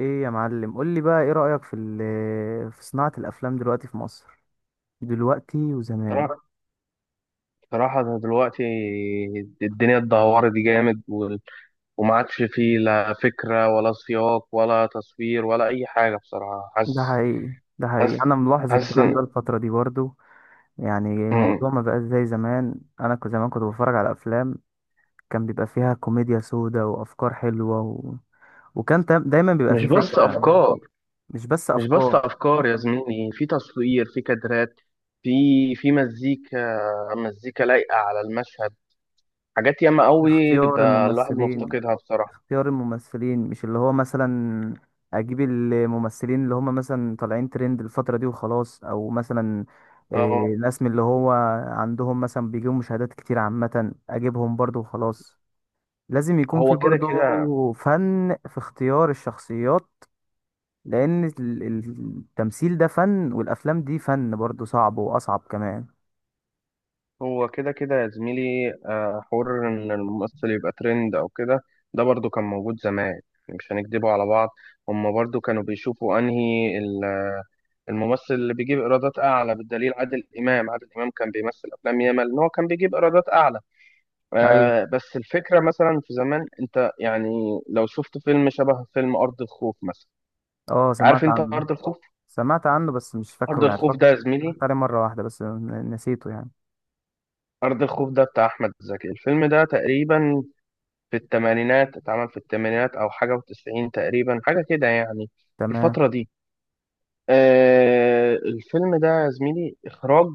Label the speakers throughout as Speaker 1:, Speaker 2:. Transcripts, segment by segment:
Speaker 1: ايه يا معلم، قول لي بقى ايه رأيك في صناعة الافلام دلوقتي في مصر، دلوقتي وزمان.
Speaker 2: صراحة صراحة، ده دلوقتي الدنيا اتدهورت جامد وما عادش فيه لا فكرة ولا سياق ولا تصوير ولا أي حاجة بصراحة.
Speaker 1: ده حقيقي ده حقيقي
Speaker 2: حاسس
Speaker 1: انا ملاحظ
Speaker 2: حاسس.
Speaker 1: الكلام ده الفترة دي برضو. يعني
Speaker 2: مم.
Speaker 1: الموضوع ما بقاش زي زمان، انا كنت زمان كنت بتفرج على افلام كان بيبقى فيها كوميديا سودا وافكار حلوة وكان تا- دايما بيبقى
Speaker 2: مش
Speaker 1: فيه
Speaker 2: بس
Speaker 1: فكرة.
Speaker 2: أفكار،
Speaker 1: مش بس
Speaker 2: مش بس
Speaker 1: افكار.
Speaker 2: أفكار يا زميلي، في تصوير، في كادرات، في في مزيكا، مزيكا لايقة على المشهد، حاجات ياما قوي
Speaker 1: اختيار
Speaker 2: ده الواحد
Speaker 1: الممثلين
Speaker 2: مفتقدها بصراحة.
Speaker 1: اختيار الممثلين مش اللي هو مثلا، اجيب الممثلين اللي هم مثلا طالعين ترند الفترة دي وخلاص، او مثلا
Speaker 2: آه،
Speaker 1: ناس من اللي هو عندهم مثلا بيجيبوا مشاهدات كتير عامة، اجيبهم برضو وخلاص. لازم يكون في
Speaker 2: هو كده كده،
Speaker 1: برضو فن في اختيار الشخصيات. لان التمثيل ده فن، والافلام دي فن برضو صعب واصعب كمان.
Speaker 2: هو كده كده يا زميلي، حوار إن الممثل يبقى ترند أو كده ده برضو كان موجود زمان. يعني مش هنكدبه على بعض. هما برضو كانوا بيشوفوا أنهي الممثل اللي بيجيب إيرادات أعلى. بالدليل عادل إمام، عادل إمام كان بيمثل أفلام ياما إن هو كان بيجيب إيرادات أعلى.
Speaker 1: ايوه.
Speaker 2: بس الفكرة مثلا في زمان أنت، يعني لو شفت فيلم شبه فيلم أرض الخوف مثلا.
Speaker 1: اه، سمعت
Speaker 2: عارف أنت
Speaker 1: عنه.
Speaker 2: أرض الخوف؟
Speaker 1: سمعت عنه بس مش
Speaker 2: أرض
Speaker 1: فاكره، يعني
Speaker 2: الخوف ده
Speaker 1: فاكره.
Speaker 2: يا
Speaker 1: اتفرجت
Speaker 2: زميلي
Speaker 1: عليه مرة واحدة بس ن- نسيته يعني.
Speaker 2: أرض الخوف ده بتاع أحمد زكي. الفيلم ده تقريبا في الثمانينات اتعمل، في الثمانينات او حاجه وتسعين تقريبا، حاجه كده يعني. في
Speaker 1: تمام.
Speaker 2: الفتره دي، الفيلم ده يا زميلي، اخراج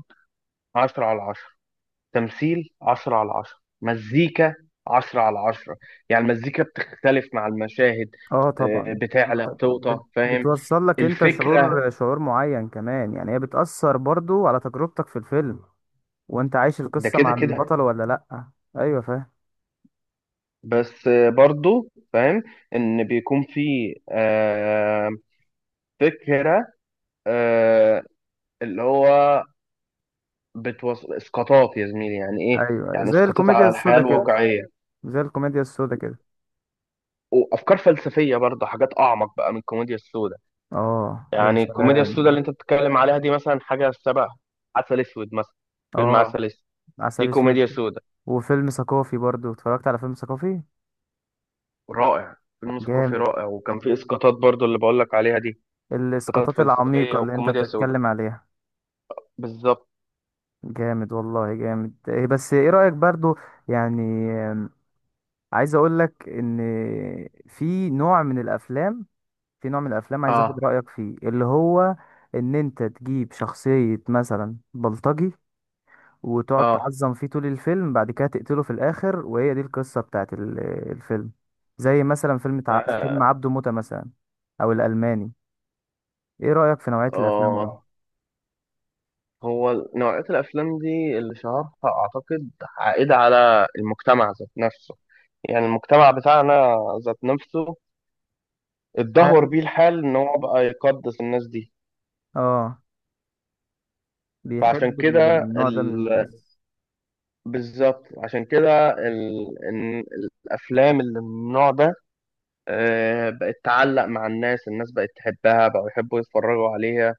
Speaker 2: 10/10، تمثيل 10/10، مزيكا 10/10. يعني المزيكا بتختلف مع المشاهد،
Speaker 1: اه طبعا. اه
Speaker 2: بتعلى،
Speaker 1: طبعا،
Speaker 2: بتوطى، فاهم
Speaker 1: بتوصل لك انت
Speaker 2: الفكرة؟
Speaker 1: شعور معين كمان، يعني هي بتأثر برضو على تجربتك في الفيلم، وانت عايش
Speaker 2: ده
Speaker 1: القصة
Speaker 2: كده
Speaker 1: مع
Speaker 2: كده،
Speaker 1: البطل ولا لأ. ايوه، فاهم.
Speaker 2: بس برضو فاهم ان بيكون في آه، فكرة، آه، اللي هو اسقاطات يا زميلي، يعني ايه.
Speaker 1: ايوه ايوه،
Speaker 2: يعني
Speaker 1: زي
Speaker 2: اسقاطات على،
Speaker 1: الكوميديا
Speaker 2: يعني، الحياة،
Speaker 1: السودا
Speaker 2: اسقاطات
Speaker 1: كده.
Speaker 2: الواقعية،
Speaker 1: زي الكوميديا السودا كده
Speaker 2: وافكار فلسفية برضه، حاجات اعمق بقى من الكوميديا السوداء.
Speaker 1: اه يا
Speaker 2: يعني الكوميديا السوداء اللي
Speaker 1: سلام.
Speaker 2: انت بتتكلم عليها دي مثلا حاجة شبه عسل اسود مثلا. فيلم
Speaker 1: اه،
Speaker 2: عسل اسود دي
Speaker 1: عسل اسود.
Speaker 2: كوميديا سوداء.
Speaker 1: وفيلم ثقافي برضو، اتفرجت على فيلم ثقافي.
Speaker 2: رائع، فيلم ثقافي
Speaker 1: جامد.
Speaker 2: رائع وكان فيه اسقاطات برضه اللي بقول لك عليها دي، اسقاطات
Speaker 1: الاسقاطات العميقة
Speaker 2: فلسفية
Speaker 1: اللي انت
Speaker 2: وكوميديا سوداء.
Speaker 1: بتتكلم عليها.
Speaker 2: بالظبط.
Speaker 1: جامد والله جامد. إيه بس ايه رأيك برضو، يعني، عايز اقول لك ان، في نوع من الافلام، في نوع من الافلام عايز اخد
Speaker 2: اه،
Speaker 1: رايك فيه، اللي هو ان انت تجيب شخصيه مثلا بلطجي وتقعد
Speaker 2: اه،
Speaker 1: تعظم فيه طول الفيلم، بعد كده تقتله في الاخر، وهي دي القصه بتاعت الفيلم. زي مثلا فيلم
Speaker 2: اه،
Speaker 1: عبده موتة مثلا، او الالماني. ايه رايك في نوعيه الافلام دي؟
Speaker 2: آه. هو نوعية الأفلام دي اللي شهرها، أعتقد، عائد على المجتمع ذات نفسه. يعني المجتمع بتاعنا ذات نفسه اتدهور
Speaker 1: هل،
Speaker 2: بيه الحال إن هو بقى يقدس الناس دي.
Speaker 1: اه،
Speaker 2: فعشان
Speaker 1: بيحب
Speaker 2: كده
Speaker 1: النوع ده من
Speaker 2: ال...
Speaker 1: الناس.
Speaker 2: بالظبط عشان كده إن الأفلام اللي من النوع ده، بقت تعلق مع الناس. الناس بقت تحبها، بقوا يحبوا يتفرجوا عليها،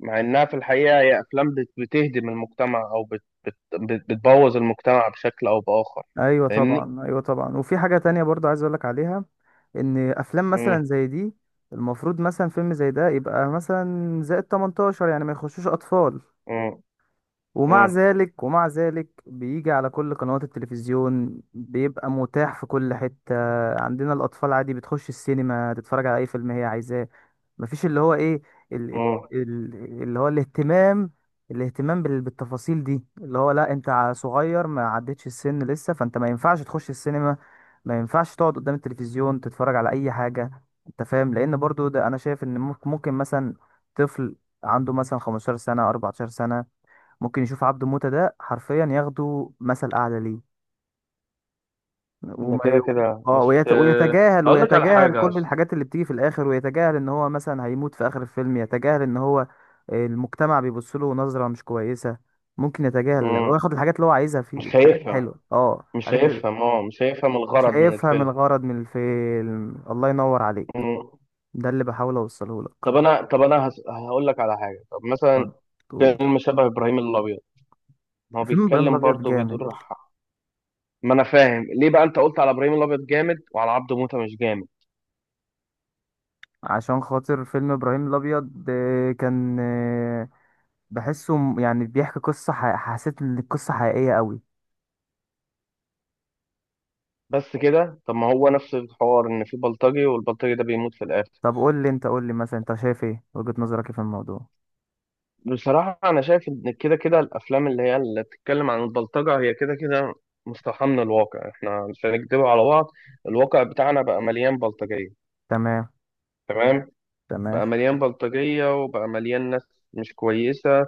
Speaker 2: مع إنها في الحقيقة هي أفلام بتهدم المجتمع، أو بتبوظ المجتمع بشكل أو بآخر.
Speaker 1: ايوه
Speaker 2: فاهمني؟
Speaker 1: طبعا ايوه طبعا. وفي حاجه تانية برضو عايز اقولك عليها، ان افلام
Speaker 2: مم.
Speaker 1: مثلا زي دي، المفروض مثلا فيلم زي ده يبقى مثلا زائد 18، يعني ما يخشوش اطفال.
Speaker 2: مم.
Speaker 1: ومع
Speaker 2: مم.
Speaker 1: ذلك ومع ذلك بيجي على كل قنوات التلفزيون، بيبقى متاح في كل حتة. عندنا الأطفال عادي بتخش السينما تتفرج على أي فيلم هي عايزاه. مفيش اللي هو إيه، ال...
Speaker 2: مم.
Speaker 1: ال... اللي هو الاهتمام، الاهتمام بالتفاصيل دي، اللي هو لا أنت صغير، ما عدتش السن لسه، فأنت ما ينفعش تخش السينما، ما ينفعش تقعد قدام التلفزيون تتفرج على أي حاجة. أنت فاهم؟ لأن برضو ده أنا شايف إن ممكن، ممكن مثلا طفل عنده مثلا 15 سنة، 14 سنة، ممكن يشوف عبده موتة ده حرفيا، ياخده مثل أعلى ليه.
Speaker 2: ده
Speaker 1: وما
Speaker 2: كده
Speaker 1: ي...
Speaker 2: كده،
Speaker 1: اه،
Speaker 2: بس
Speaker 1: ويتجاهل،
Speaker 2: اقول لك على
Speaker 1: ويتجاهل
Speaker 2: حاجه يا
Speaker 1: كل
Speaker 2: اسطى.
Speaker 1: الحاجات اللي بتيجي في الآخر، ويتجاهل إن هو مثلا هيموت في آخر الفيلم، يتجاهل إن هو المجتمع بيبص له نظرة مش كويسة. ممكن يتجاهل
Speaker 2: مم.
Speaker 1: وياخد الحاجات اللي هو عايزها في
Speaker 2: مش
Speaker 1: الحاجات
Speaker 2: هيفهم
Speaker 1: الحلوة، اه الحاجات اللي
Speaker 2: مش هيفهم الغرض من
Speaker 1: شايفها من
Speaker 2: الفيلم.
Speaker 1: الغرض من الفيلم. الله ينور عليك،
Speaker 2: مم.
Speaker 1: ده اللي بحاول أوصله لك.
Speaker 2: هقول لك على حاجه، طب مثلا
Speaker 1: برضو.
Speaker 2: فيلم شبه ابراهيم الابيض، ما هو
Speaker 1: فيلم ابراهيم
Speaker 2: بيتكلم
Speaker 1: الابيض
Speaker 2: برضه،
Speaker 1: جامد.
Speaker 2: بيدور ما انا فاهم ليه بقى انت قلت على ابراهيم الابيض جامد وعلى عبده موته مش جامد.
Speaker 1: عشان خاطر فيلم ابراهيم الابيض، آه، كان آه، بحسه يعني بيحكي قصة حسيت ان القصة حقيقية قوي.
Speaker 2: بس كده، طب ما هو نفس الحوار، ان في بلطجي والبلطجي ده بيموت في الاخر.
Speaker 1: طب قول لي انت قول لي مثلا انت شايف ايه، وجهة نظرك إيه في الموضوع؟
Speaker 2: بصراحة أنا شايف إن كده كده الأفلام اللي هي اللي بتتكلم عن البلطجة، هي كده كده مستوحاة من الواقع، إحنا مش هنكدب على بعض، الواقع بتاعنا بقى مليان بلطجية،
Speaker 1: تمام.
Speaker 2: تمام؟
Speaker 1: تمام.
Speaker 2: بقى مليان بلطجية وبقى مليان ناس مش كويسة،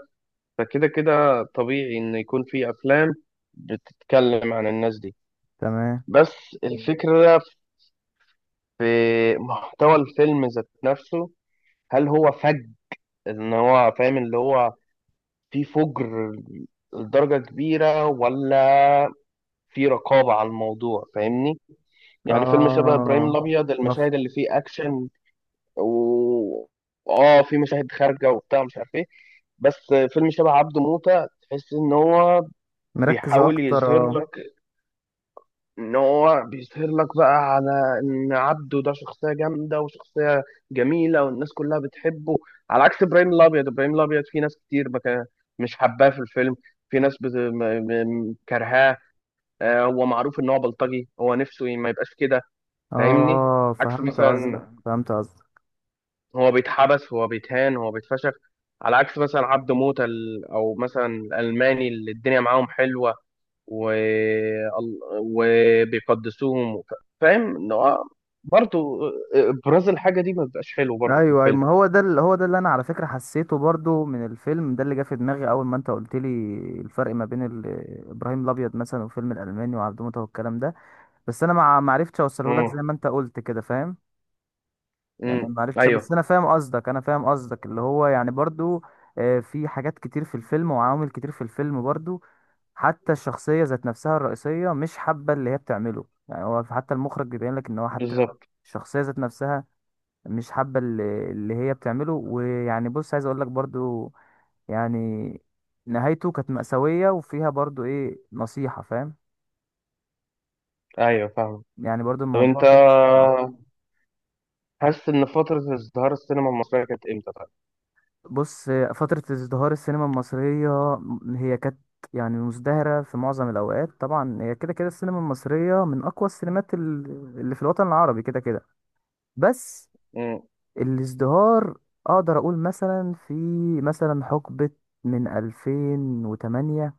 Speaker 2: فكده كده طبيعي إن يكون في أفلام بتتكلم عن الناس دي،
Speaker 1: تمام.
Speaker 2: بس الفكرة في محتوى الفيلم ذات نفسه، هل هو فج، إن هو فاهم اللي هو في فجر لدرجة كبيرة، ولا في رقابة على الموضوع، فاهمني؟ يعني فيلم شبه إبراهيم
Speaker 1: اه.
Speaker 2: الأبيض
Speaker 1: مف...
Speaker 2: المشاهد اللي فيه أكشن و اه في مشاهد خارجة وبتاع، مش عارف إيه. بس فيلم شبه عبده موتة تحس إن هو
Speaker 1: مركز
Speaker 2: بيحاول
Speaker 1: اكتر،
Speaker 2: يظهر
Speaker 1: اه.
Speaker 2: لك، إن هو بيظهر لك بقى على إن عبده ده شخصية جامدة وشخصية جميلة والناس كلها بتحبه، على عكس إبراهيم الأبيض. إبراهيم الأبيض في ناس كتير مش حباه في الفيلم، في ناس كرهاه. هو معروف إن هو بلطجي، هو نفسه ما يبقاش كده. فاهمني؟
Speaker 1: اه
Speaker 2: عكس
Speaker 1: فهمت قصدك،
Speaker 2: مثلا، هو بيتحبس، هو بيتهان، هو بيتفشخ، على عكس مثلا عبده موتة او مثلا الالماني اللي الدنيا معاهم حلوه وبيقدسوهم فاهم إن هو برضه ابراز الحاجه دي ما بيبقاش حلو برضه في
Speaker 1: ايوه ايوه،
Speaker 2: الفيلم.
Speaker 1: ما هو ده اللي انا على فكرة حسيته برضو من الفيلم ده، اللي جه في دماغي اول ما انت قلت لي الفرق ما بين ابراهيم الابيض مثلا والفيلم الالماني وعبد موتة والكلام ده. بس انا ما عرفتش اوصله لك
Speaker 2: امم.
Speaker 1: زي ما انت قلت كده، فاهم؟
Speaker 2: امم.
Speaker 1: يعني ما عرفتش،
Speaker 2: ايوه.
Speaker 1: بس انا فاهم قصدك، اللي هو يعني برضو آه، في حاجات كتير في الفيلم وعوامل كتير في الفيلم برضو، حتى الشخصية ذات نفسها الرئيسية مش حابة اللي هي بتعمله، يعني هو حتى المخرج بيبين لك ان هو حتى
Speaker 2: بالظبط.
Speaker 1: الشخصية ذات نفسها مش حابة اللي هي بتعمله. ويعني بص عايز اقول لك برضو يعني، نهايته كانت مأساوية وفيها برضو ايه نصيحة، فاهم؟
Speaker 2: ايوه، فاهم.
Speaker 1: يعني برضو
Speaker 2: طب
Speaker 1: الموضوع
Speaker 2: انت
Speaker 1: فيه نصيحة.
Speaker 2: حاسس ان فتره ازدهار السينما المصريه كانت امتى، طيب؟
Speaker 1: بص، فترة ازدهار السينما المصرية، هي كانت يعني مزدهرة في معظم الأوقات طبعا، هي كده كده السينما المصرية من أقوى السينمات اللي في الوطن العربي كده كده. بس
Speaker 2: امم.
Speaker 1: الازدهار، أقدر أقول مثلا في، مثلا حقبة من 2008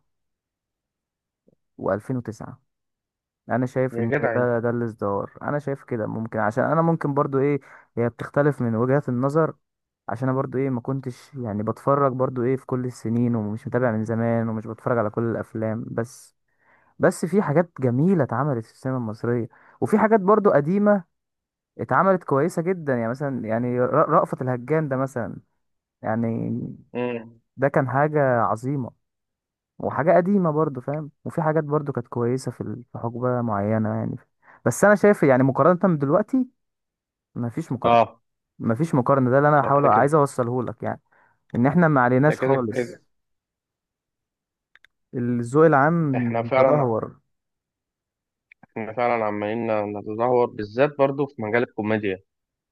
Speaker 1: و2009، انا شايف
Speaker 2: يا
Speaker 1: ان إيه،
Speaker 2: جدع انت.
Speaker 1: ده الازدهار، انا شايف كده. ممكن عشان انا ممكن برضو ايه، هي بتختلف من وجهات النظر، عشان انا برضو ايه ما كنتش يعني بتفرج برضو ايه في كل السنين، ومش متابع من زمان، ومش بتفرج على كل الافلام. بس بس في حاجات جميلة اتعملت في السينما المصرية، وفي حاجات برضو قديمة اتعملت كويسة جدا، يعني مثلا يعني رأفت الهجان ده مثلا يعني،
Speaker 2: امم.
Speaker 1: ده كان حاجة عظيمة وحاجة قديمة برضو، فاهم؟ وفي حاجات برضو كانت كويسة في حقبة معينة يعني. بس أنا شايف يعني مقارنة بدلوقتي، مفيش مقارنة.
Speaker 2: اه،
Speaker 1: مفيش مقارنة ده اللي أنا
Speaker 2: ما
Speaker 1: حاول
Speaker 2: كده كده،
Speaker 1: عايز أوصله لك يعني، إن إحنا ما
Speaker 2: ده
Speaker 1: عليناش
Speaker 2: كده
Speaker 1: خالص،
Speaker 2: كده.
Speaker 1: الذوق العام
Speaker 2: احنا فعلا
Speaker 1: تدهور.
Speaker 2: احنا فعلا عمالين نتدهور، بالذات برضو في مجال الكوميديا.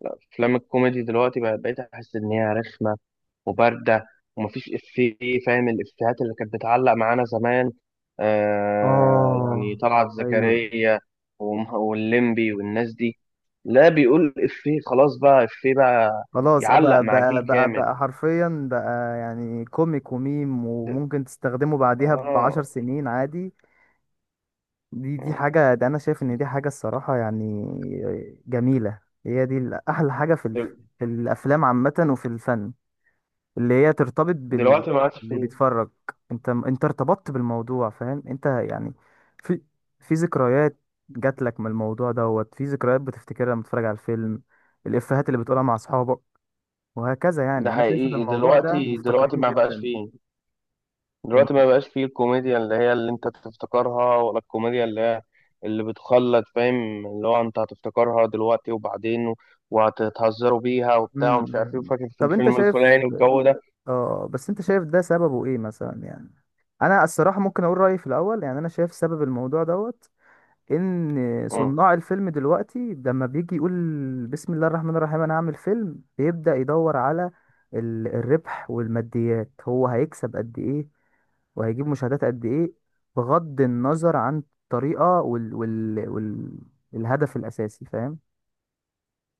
Speaker 2: لا، افلام الكوميدي دلوقتي بقيت احس ان هي رخمه وبارده ومفيش افيه. فاهم الافيهات اللي كانت بتعلق معانا زمان؟ يعني
Speaker 1: آه.
Speaker 2: طلعت
Speaker 1: أيوه.
Speaker 2: زكريا واللمبي والناس دي. لا، بيقول افيه خلاص، بقى افيه بقى
Speaker 1: خلاص اه،
Speaker 2: يعلق
Speaker 1: بقى
Speaker 2: مع
Speaker 1: بقى
Speaker 2: جيل
Speaker 1: بقى
Speaker 2: كامل.
Speaker 1: بقى حرفيا بقى، يعني كوميك وميم،
Speaker 2: دل...
Speaker 1: وممكن تستخدمه بعديها بعشر
Speaker 2: اه.
Speaker 1: سنين عادي. دي
Speaker 2: آه.
Speaker 1: حاجة، ده أنا شايف إن دي حاجة الصراحة يعني جميلة، هي دي أحلى حاجة
Speaker 2: دل...
Speaker 1: في الأفلام عامة وفي الفن، اللي هي ترتبط بال،
Speaker 2: دلوقتي ما عادش
Speaker 1: اللي
Speaker 2: فيه.
Speaker 1: بيتفرج. أنت ارتبطت بالموضوع، فاهم أنت يعني؟ في، في ذكريات جات لك من الموضوع دوت، في ذكريات بتفتكرها لما تتفرج على الفيلم، الإفيهات اللي بتقولها مع أصحابك وهكذا.
Speaker 2: ده
Speaker 1: يعني أنا شايف إن
Speaker 2: حقيقي،
Speaker 1: الموضوع ده
Speaker 2: دلوقتي
Speaker 1: مفتقرينه
Speaker 2: ما بقاش
Speaker 1: جدا.
Speaker 2: فيه. دلوقتي
Speaker 1: الم...
Speaker 2: ما بقاش فيه الكوميديا اللي هي اللي انت تفتكرها، ولا الكوميديا اللي هي اللي بتخلد، فاهم؟ اللي هو انت هتفتكرها دلوقتي وبعدين وهتتهزروا بيها
Speaker 1: م-
Speaker 2: وبتاع ومش
Speaker 1: م-
Speaker 2: عارف ايه،
Speaker 1: م.
Speaker 2: وفاكر في
Speaker 1: طب أنت
Speaker 2: الفيلم
Speaker 1: شايف،
Speaker 2: الفلاني والجو ده.
Speaker 1: اه بس انت شايف ده سببه ايه مثلا يعني. انا الصراحه ممكن اقول رايي في الاول، يعني انا شايف سبب الموضوع دوت، ان
Speaker 2: مم.
Speaker 1: صناع الفيلم دلوقتي، لما بيجي يقول بسم الله الرحمن الرحيم انا هعمل فيلم، بيبدا يدور على الربح والماديات، هو هيكسب قد ايه، وهيجيب مشاهدات قد ايه، بغض النظر عن الطريقه الهدف الاساسي، فاهم؟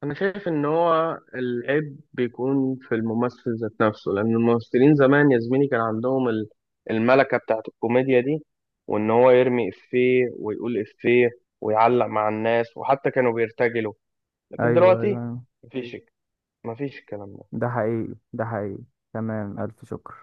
Speaker 2: انا شايف ان هو العيب بيكون في الممثل ذات نفسه، لان الممثلين زمان يا زميلي كان عندهم الملكة بتاعت الكوميديا دي، وان هو يرمي افيه ويقول افيه ويعلق مع الناس وحتى كانوا بيرتجلوا. لكن
Speaker 1: ايوه
Speaker 2: دلوقتي
Speaker 1: ايوه.
Speaker 2: مفيش مفيش الكلام ده
Speaker 1: ده حقيقي ده حقيقي. تمام، الف شكر.